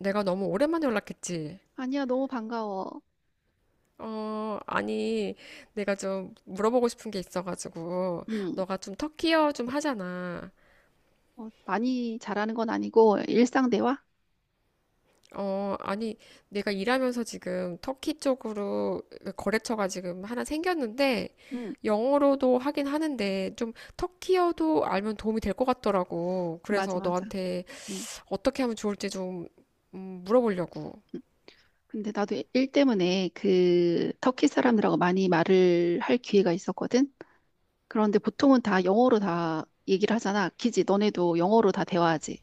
내가 너무 오랜만에 연락했지. 아니야, 너무 반가워. 아니, 내가 좀 물어보고 싶은 게 있어가지고, 응, 너가 좀 터키어 좀 하잖아. 많이 잘하는 건 아니고, 일상 대화? 아니, 내가 일하면서 지금 터키 쪽으로 거래처가 지금 하나 생겼는데, 응, 영어로도 하긴 하는데, 좀 터키어도 알면 도움이 될 것 같더라고. 맞아, 그래서 맞아. 너한테 응. 어떻게 하면 좋을지 좀, 물어보려고. 응. 근데 나도 일 때문에 그 터키 사람들하고 많이 말을 할 기회가 있었거든? 그런데 보통은 다 영어로 다 얘기를 하잖아. 기지, 너네도 영어로 다 대화하지.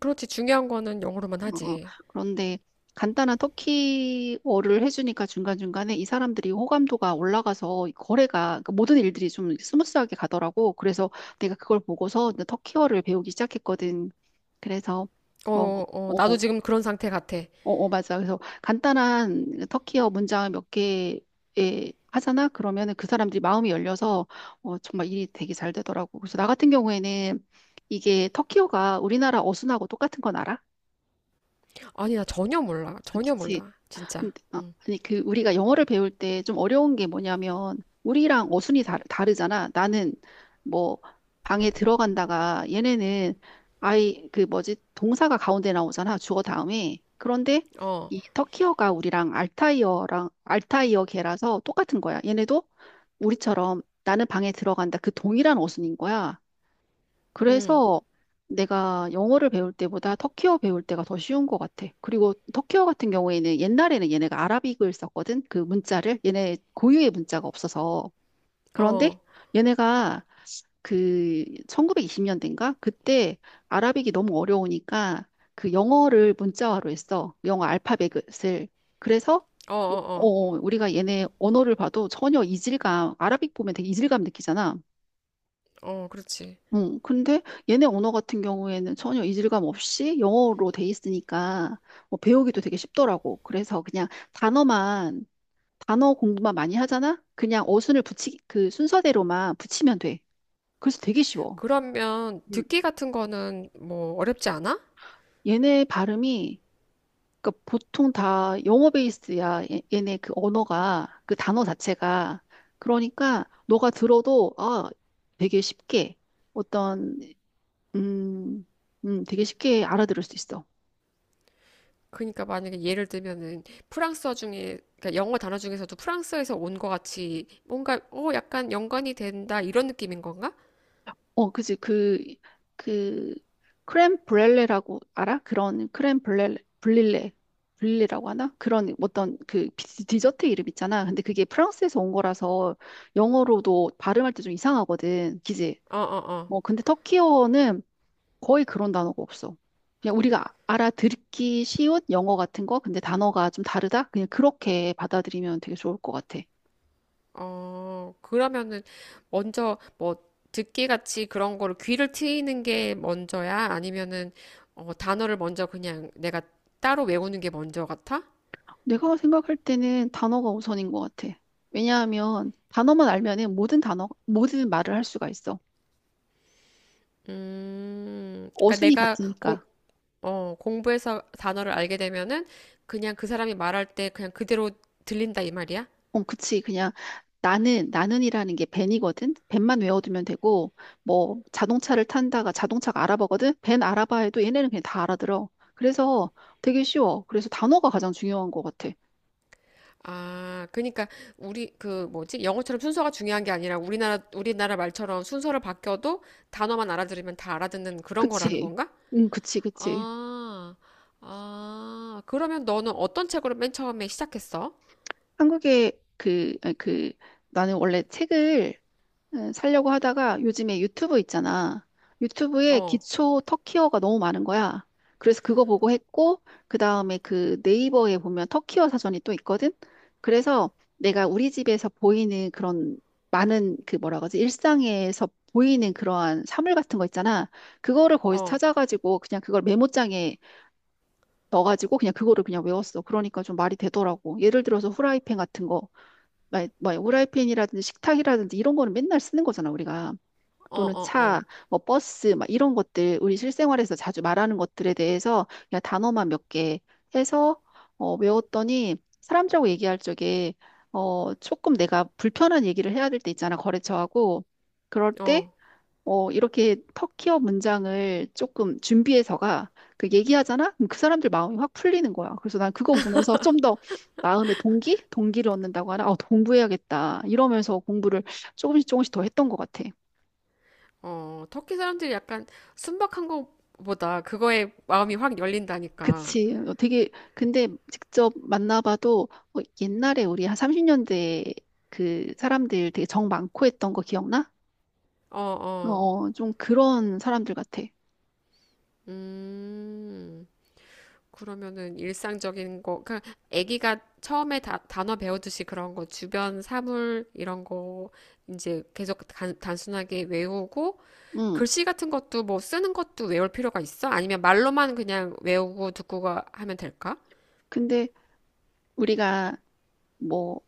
그렇지, 중요한 거는 영어로만 어, 어. 하지. 그런데 간단한 터키어를 해주니까 중간중간에 이 사람들이 호감도가 올라가서 거래가 그 모든 일들이 좀 스무스하게 가더라고. 그래서 내가 그걸 보고서 이제 터키어를 배우기 시작했거든. 그래서 어, 어, 어, 어, 나도 지금 그런 상태 같아. 어, 어, 맞아. 그래서 간단한 터키어 문장 몇 개에 하잖아. 그러면은 그 사람들이 마음이 열려서 정말 일이 되게 잘 되더라고. 그래서 나 같은 경우에는 이게 터키어가 우리나라 어순하고 똑같은 건 알아? 아니, 나 전혀 몰라. 전혀 그치. 몰라. 진짜. 근데- 아, 응. 아니, 우리가 영어를 배울 때 좀 어려운 게 뭐냐면, 우리랑 어순이 다르잖아. 나는, 뭐, 방에 들어간다가, 얘네는, 아이, 그 뭐지, 동사가 가운데 나오잖아. 주어 다음에. 그런데, 어. 이 터키어가 우리랑 알타이어랑, 알타이어계라서 똑같은 거야. 얘네도 우리처럼 나는 방에 들어간다. 그 동일한 어순인 거야. 응. 그래서 내가 영어를 배울 때보다 터키어 배울 때가 더 쉬운 것 같아. 그리고 터키어 같은 경우에는 옛날에는 얘네가 아라빅을 썼거든. 그 문자를. 얘네 고유의 문자가 없어서. 그런데 어. 얘네가 그 1920년대인가? 그때 아라빅이 너무 어려우니까 그 영어를 문자화로 했어. 영어 알파벳을. 그래서 어, 어, 어. 우리가 얘네 언어를 봐도 전혀 이질감, 아라빅 보면 되게 이질감 느끼잖아. 어, 그렇지. 응, 근데 얘네 언어 같은 경우에는 전혀 이질감 없이 영어로 돼 있으니까 뭐 배우기도 되게 쉽더라고. 그래서 그냥 단어만, 단어 공부만 많이 하잖아? 그냥 어순을 그 순서대로만 붙이면 돼. 그래서 되게 쉬워. 그러면 음. 듣기 같은 거는 뭐 어렵지 않아? 얘네 발음이, 그러니까 보통 다 영어 베이스야. 얘네 그 언어가, 그 단어 자체가. 그러니까 너가 들어도, 되게 쉽게 어떤, 음, 되게 쉽게 알아들을 수 있어. 그러니까 만약에 예를 들면은 프랑스어 중에 그러니까 영어 단어 중에서도 프랑스에서 온 거 같이 뭔가 약간 연관이 된다 이런 느낌인 건가? 그지. 그, 크렘 브렐레라고 알아? 그런 크렘 브렐레, 블릴레, 블릴레라고 하나? 그런 어떤 그 디저트 이름 있잖아. 근데 그게 프랑스에서 온 거라서 영어로도 발음할 때 좀 이상하거든. 그지? 어, 어, 어. 뭐, 근데 터키어는 거의 그런 단어가 없어. 그냥 우리가 알아듣기 쉬운 영어 같은 거, 근데 단어가 좀 다르다? 그냥 그렇게 받아들이면 되게 좋을 것 같아. 어, 그러면은 먼저 뭐 듣기 같이 그런 거를 귀를 트이는 게 먼저야? 아니면은 어, 단어를 먼저 그냥 내가 따로 외우는 게 먼저 같아? 내가 생각할 때는 단어가 우선인 것 같아. 왜냐하면 단어만 알면은 모든 단어, 모든 말을 할 수가 있어. 그러니까 어순이 내가 같으니까. 공부해서 단어를 알게 되면은 그냥 그 사람이 말할 때 그냥 그대로 들린다 이 말이야? 그치. 그냥 나는이라는 게 벤이거든. 벤만 외워두면 되고, 뭐 자동차를 탄다가 자동차가 알아보거든. 벤 알아봐 해도 얘네는 그냥 다 알아들어. 그래서 되게 쉬워. 그래서 단어가 가장 중요한 것 같아. 아, 그러니까 우리 그 뭐지? 영어처럼 순서가 중요한 게 아니라 우리나라 말처럼 순서를 바뀌어도 단어만 알아들으면 다 알아듣는 그런 거라는 그치. 건가? 응, 그치, 그치. 아, 아, 그러면 너는 어떤 책으로 맨 처음에 시작했어? 한국의 아니, 나는 원래 책을 살려고 하다가 요즘에 유튜브 있잖아. 유튜브에 어, 기초 터키어가 너무 많은 거야. 그래서 그거 보고 했고, 그 다음에 그 네이버에 보면 터키어 사전이 또 있거든? 그래서 내가 우리 집에서 보이는 그런 많은 그 뭐라 그러지? 일상에서 보이는 그러한 사물 같은 거 있잖아. 그거를 거기서 어, 찾아가지고 그냥 그걸 메모장에 넣어가지고 그냥 그거를 그냥 외웠어. 그러니까 좀 말이 되더라고. 예를 들어서 후라이팬 같은 거, 막 후라이팬이라든지 식탁이라든지 이런 거는 맨날 쓰는 거잖아, 우리가. 어, 또는 차, 어, 뭐 버스 막 이런 것들 우리 실생활에서 자주 말하는 것들에 대해서 그냥 단어만 몇 개 해서 외웠더니 사람들하고 얘기할 적에 조금 내가 불편한 얘기를 해야 될 때 있잖아 거래처하고 그럴 어, 때 어, 이렇게 터키어 문장을 조금 준비해서가 그 얘기하잖아? 그럼 그 사람들 마음이 확 풀리는 거야. 그래서 난 그거 보면서 좀 더 마음의 동기? 동기를 얻는다고 하나? 아, 공부해야겠다. 이러면서 공부를 조금씩 조금씩 더 했던 것 같아. 어. 터키 사람들이 약간 순박한 것보다 그거에 마음이 확 열린다니까. 그치. 근데 직접 만나봐도 옛날에 우리 한 30년대 그 사람들 되게 정 많고 했던 거 기억나? 어, 어, 좀 그런 사람들 같아. 음, 그러면은 일상적인 거, 아기가 처음에 단어 배우듯이 그런 거, 주변 사물, 이런 거, 이제 계속 단순하게 외우고, 응. 글씨 같은 것도 뭐 쓰는 것도 외울 필요가 있어? 아니면 말로만 그냥 외우고 듣고가 하면 될까? 근데 우리가 뭐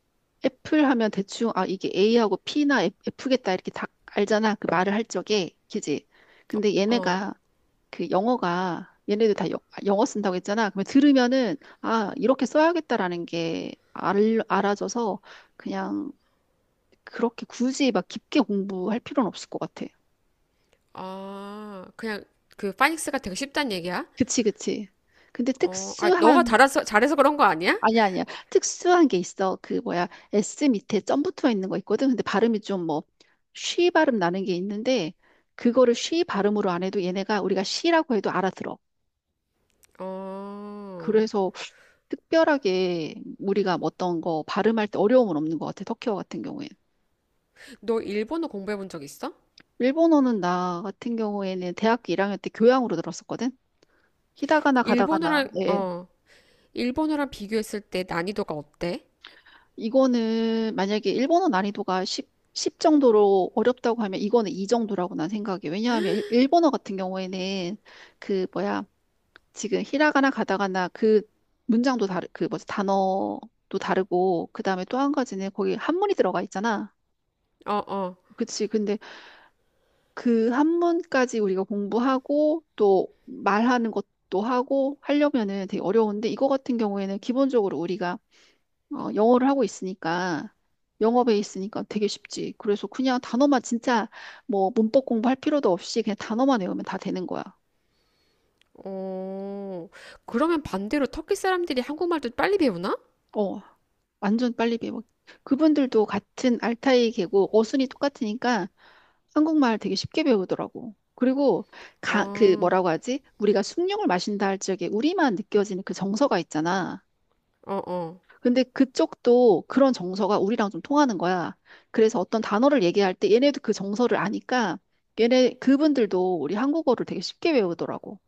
애플 하면 대충 아, 이게 A하고 P나 F겠다 이렇게 다 알잖아. 그 말을 할 적에. 그지? 근데 어, 얘네가 그 영어가 얘네들 다 영어 쓴다고 했잖아. 그러면 들으면은 아, 이렇게 써야겠다라는 게 알아져서 그냥 그렇게 굳이 막 깊게 공부할 필요는 없을 것 같아. 아, 그냥 그 파닉스가 되게 쉽단 얘기야? 그치, 그치. 근데 어, 아, 너가 특수한, 잘해서 그런 거 아니야? 아니야, 아니야. 특수한 게 있어. 그 뭐야, S 밑에 점 붙어 있는 거 있거든. 근데 발음이 좀 뭐, 쉬 발음 나는 게 있는데, 그거를 쉬 발음으로 안 해도 얘네가 우리가 쉬라고 해도 알아들어. 어, 그래서 특별하게 우리가 뭐 어떤 거 발음할 때 어려움은 없는 것 같아. 터키어 같은 경우엔. 너 일본어 공부해 본 적 있어? 일본어는 나 같은 경우에는 대학교 1학년 때 교양으로 들었었거든. 히다가나 가다가나. 일본어랑, 예. 예. 어, 일본어랑 비교했을 때 난이도가 어때? 이거는 만약에 일본어 난이도가 10, 정도로 어렵다고 하면 이거는 이 정도라고 난 생각해. 왜냐하면 일본어 같은 경우에는 그 뭐야 지금 히라가나 가다가나 그 문장도 다르 그 뭐지 단어도 다르고 그다음에 또 한 가지는 거기 한문이 들어가 있잖아. 어, 어, 그치. 근데 그 한문까지 우리가 공부하고 또 말하는 것도 하고 하려면은 되게 어려운데 이거 같은 경우에는 기본적으로 우리가 영어를 하고 있으니까 영어 베이스니까 되게 쉽지. 그래서 그냥 단어만 진짜 뭐 문법 공부할 필요도 없이 그냥 단어만 외우면 다 되는 거야. 어, 그러면 반대로 터키 사람들이 한국말도 빨리 배우나? 어, 완전 빨리 배워. 그분들도 같은 알타이 계고 어순이 똑같으니까 한국말 되게 쉽게 배우더라고. 그리고 그 어, 뭐라고 하지? 우리가 숭늉을 마신다 할 적에 우리만 느껴지는 그 정서가 있잖아. 어, 어. 근데 그쪽도 그런 정서가 우리랑 좀 통하는 거야. 그래서 어떤 단어를 얘기할 때 얘네도 그 정서를 아니까 얘네 그분들도 우리 한국어를 되게 쉽게 외우더라고.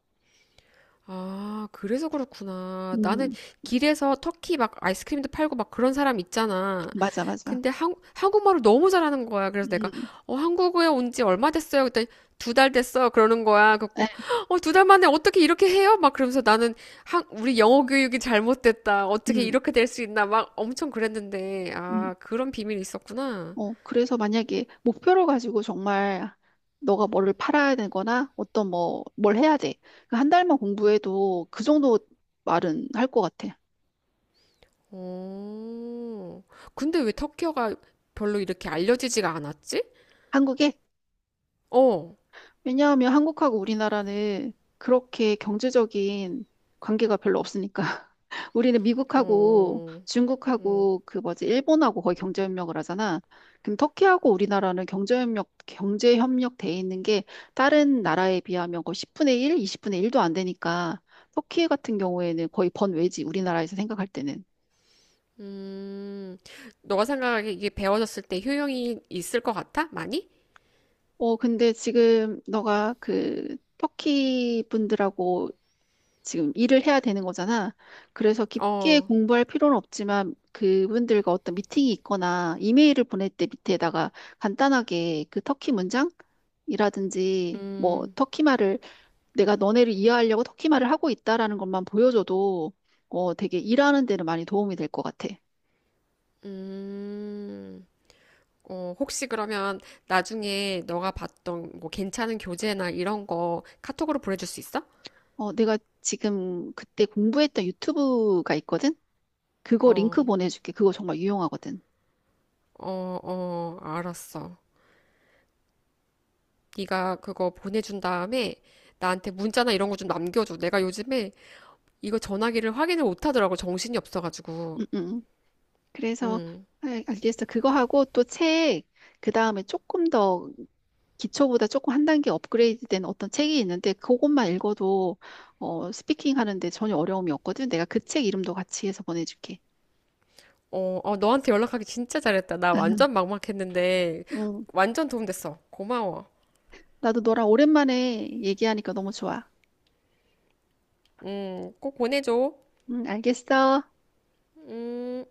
아, 그래서 그렇구나. 나는 음, 길에서 터키 막 아이스크림도 팔고 막 그런 사람 있잖아. 맞아, 맞아. 근데 한국말을 너무 잘하는 거야. 그래서 내가, 음, 한국에 온 지 얼마 됐어요? 그랬더니 두 달 됐어. 그러는 거야. 에, 그래갖고, 두 달 만에 어떻게 이렇게 해요? 막 그러면서 나는 우리 영어 교육이 잘못됐다. 어떻게 음, 이렇게 될 수 있나. 막 엄청 그랬는데, 음. 아, 그런 비밀이 있었구나. 그래서 만약에 목표를 가지고 정말 너가 뭐를 팔아야 되거나 어떤 뭘 해야 돼. 그한 달만 공부해도 그 정도 말은 할 것 같아. 어, 근데 왜 터키어가 별로 이렇게 알려지지가 않았지? 한국에? 어, 왜냐하면 한국하고 우리나라는 그렇게 경제적인 관계가 별로 없으니까. 우리는 미국하고 어. 중국하고 그 뭐지, 일본하고 거의 경제협력을 하잖아. 그럼 터키하고 우리나라는 경제협력 돼 있는 게 다른 나라에 비하면 거의 10분의 1, 20분의 1도 안 되니까 터키 같은 경우에는 거의 번외지, 우리나라에서 생각할 때는. 음, 너가 생각하기에 이게 배워졌을 때 효용이 있을 것 같아? 많이? 근데 지금 너가 그 터키 분들하고 지금 일을 해야 되는 거잖아. 그래서 깊게 어, 공부할 필요는 없지만 그분들과 어떤 미팅이 있거나 이메일을 보낼 때 밑에다가 간단하게 그 터키 문장이라든지 뭐 음, 터키 말을 내가 너네를 이해하려고 터키 말을 하고 있다라는 것만 보여줘도 되게 일하는 데는 많이 도움이 될 것 같아. 음, 어, 혹시 그러면 나중에 너가 봤던 뭐 괜찮은 교재나 이런 거 카톡으로 보내줄 수 있어? 내가 지금 그때 공부했던 유튜브가 있거든? 그거 링크 어, 보내줄게. 그거 정말 유용하거든. 어, 어, 알았어. 네가 그거 보내준 다음에 나한테 문자나 이런 거 좀 남겨줘. 내가 요즘에 이거 전화기를 확인을 못 하더라고. 정신이 없어가지고. 응, 응. 응. 그래서 음. 알겠어. 그거 하고 또 책, 그 다음에 조금 더 기초보다 조금 한 단계 업그레이드된 어떤 책이 있는데 그것만 읽어도 스피킹 하는데 전혀 어려움이 없거든. 내가 그 책 이름도 같이 해서 보내줄게. 어, 어, 너한테 연락하기 진짜 잘했다. 나 완전 막막했는데, 응, 완전 도움됐어. 고마워. 나도 너랑 오랜만에 얘기하니까 너무 좋아. 꼭 보내줘. 응, 알겠어. 음.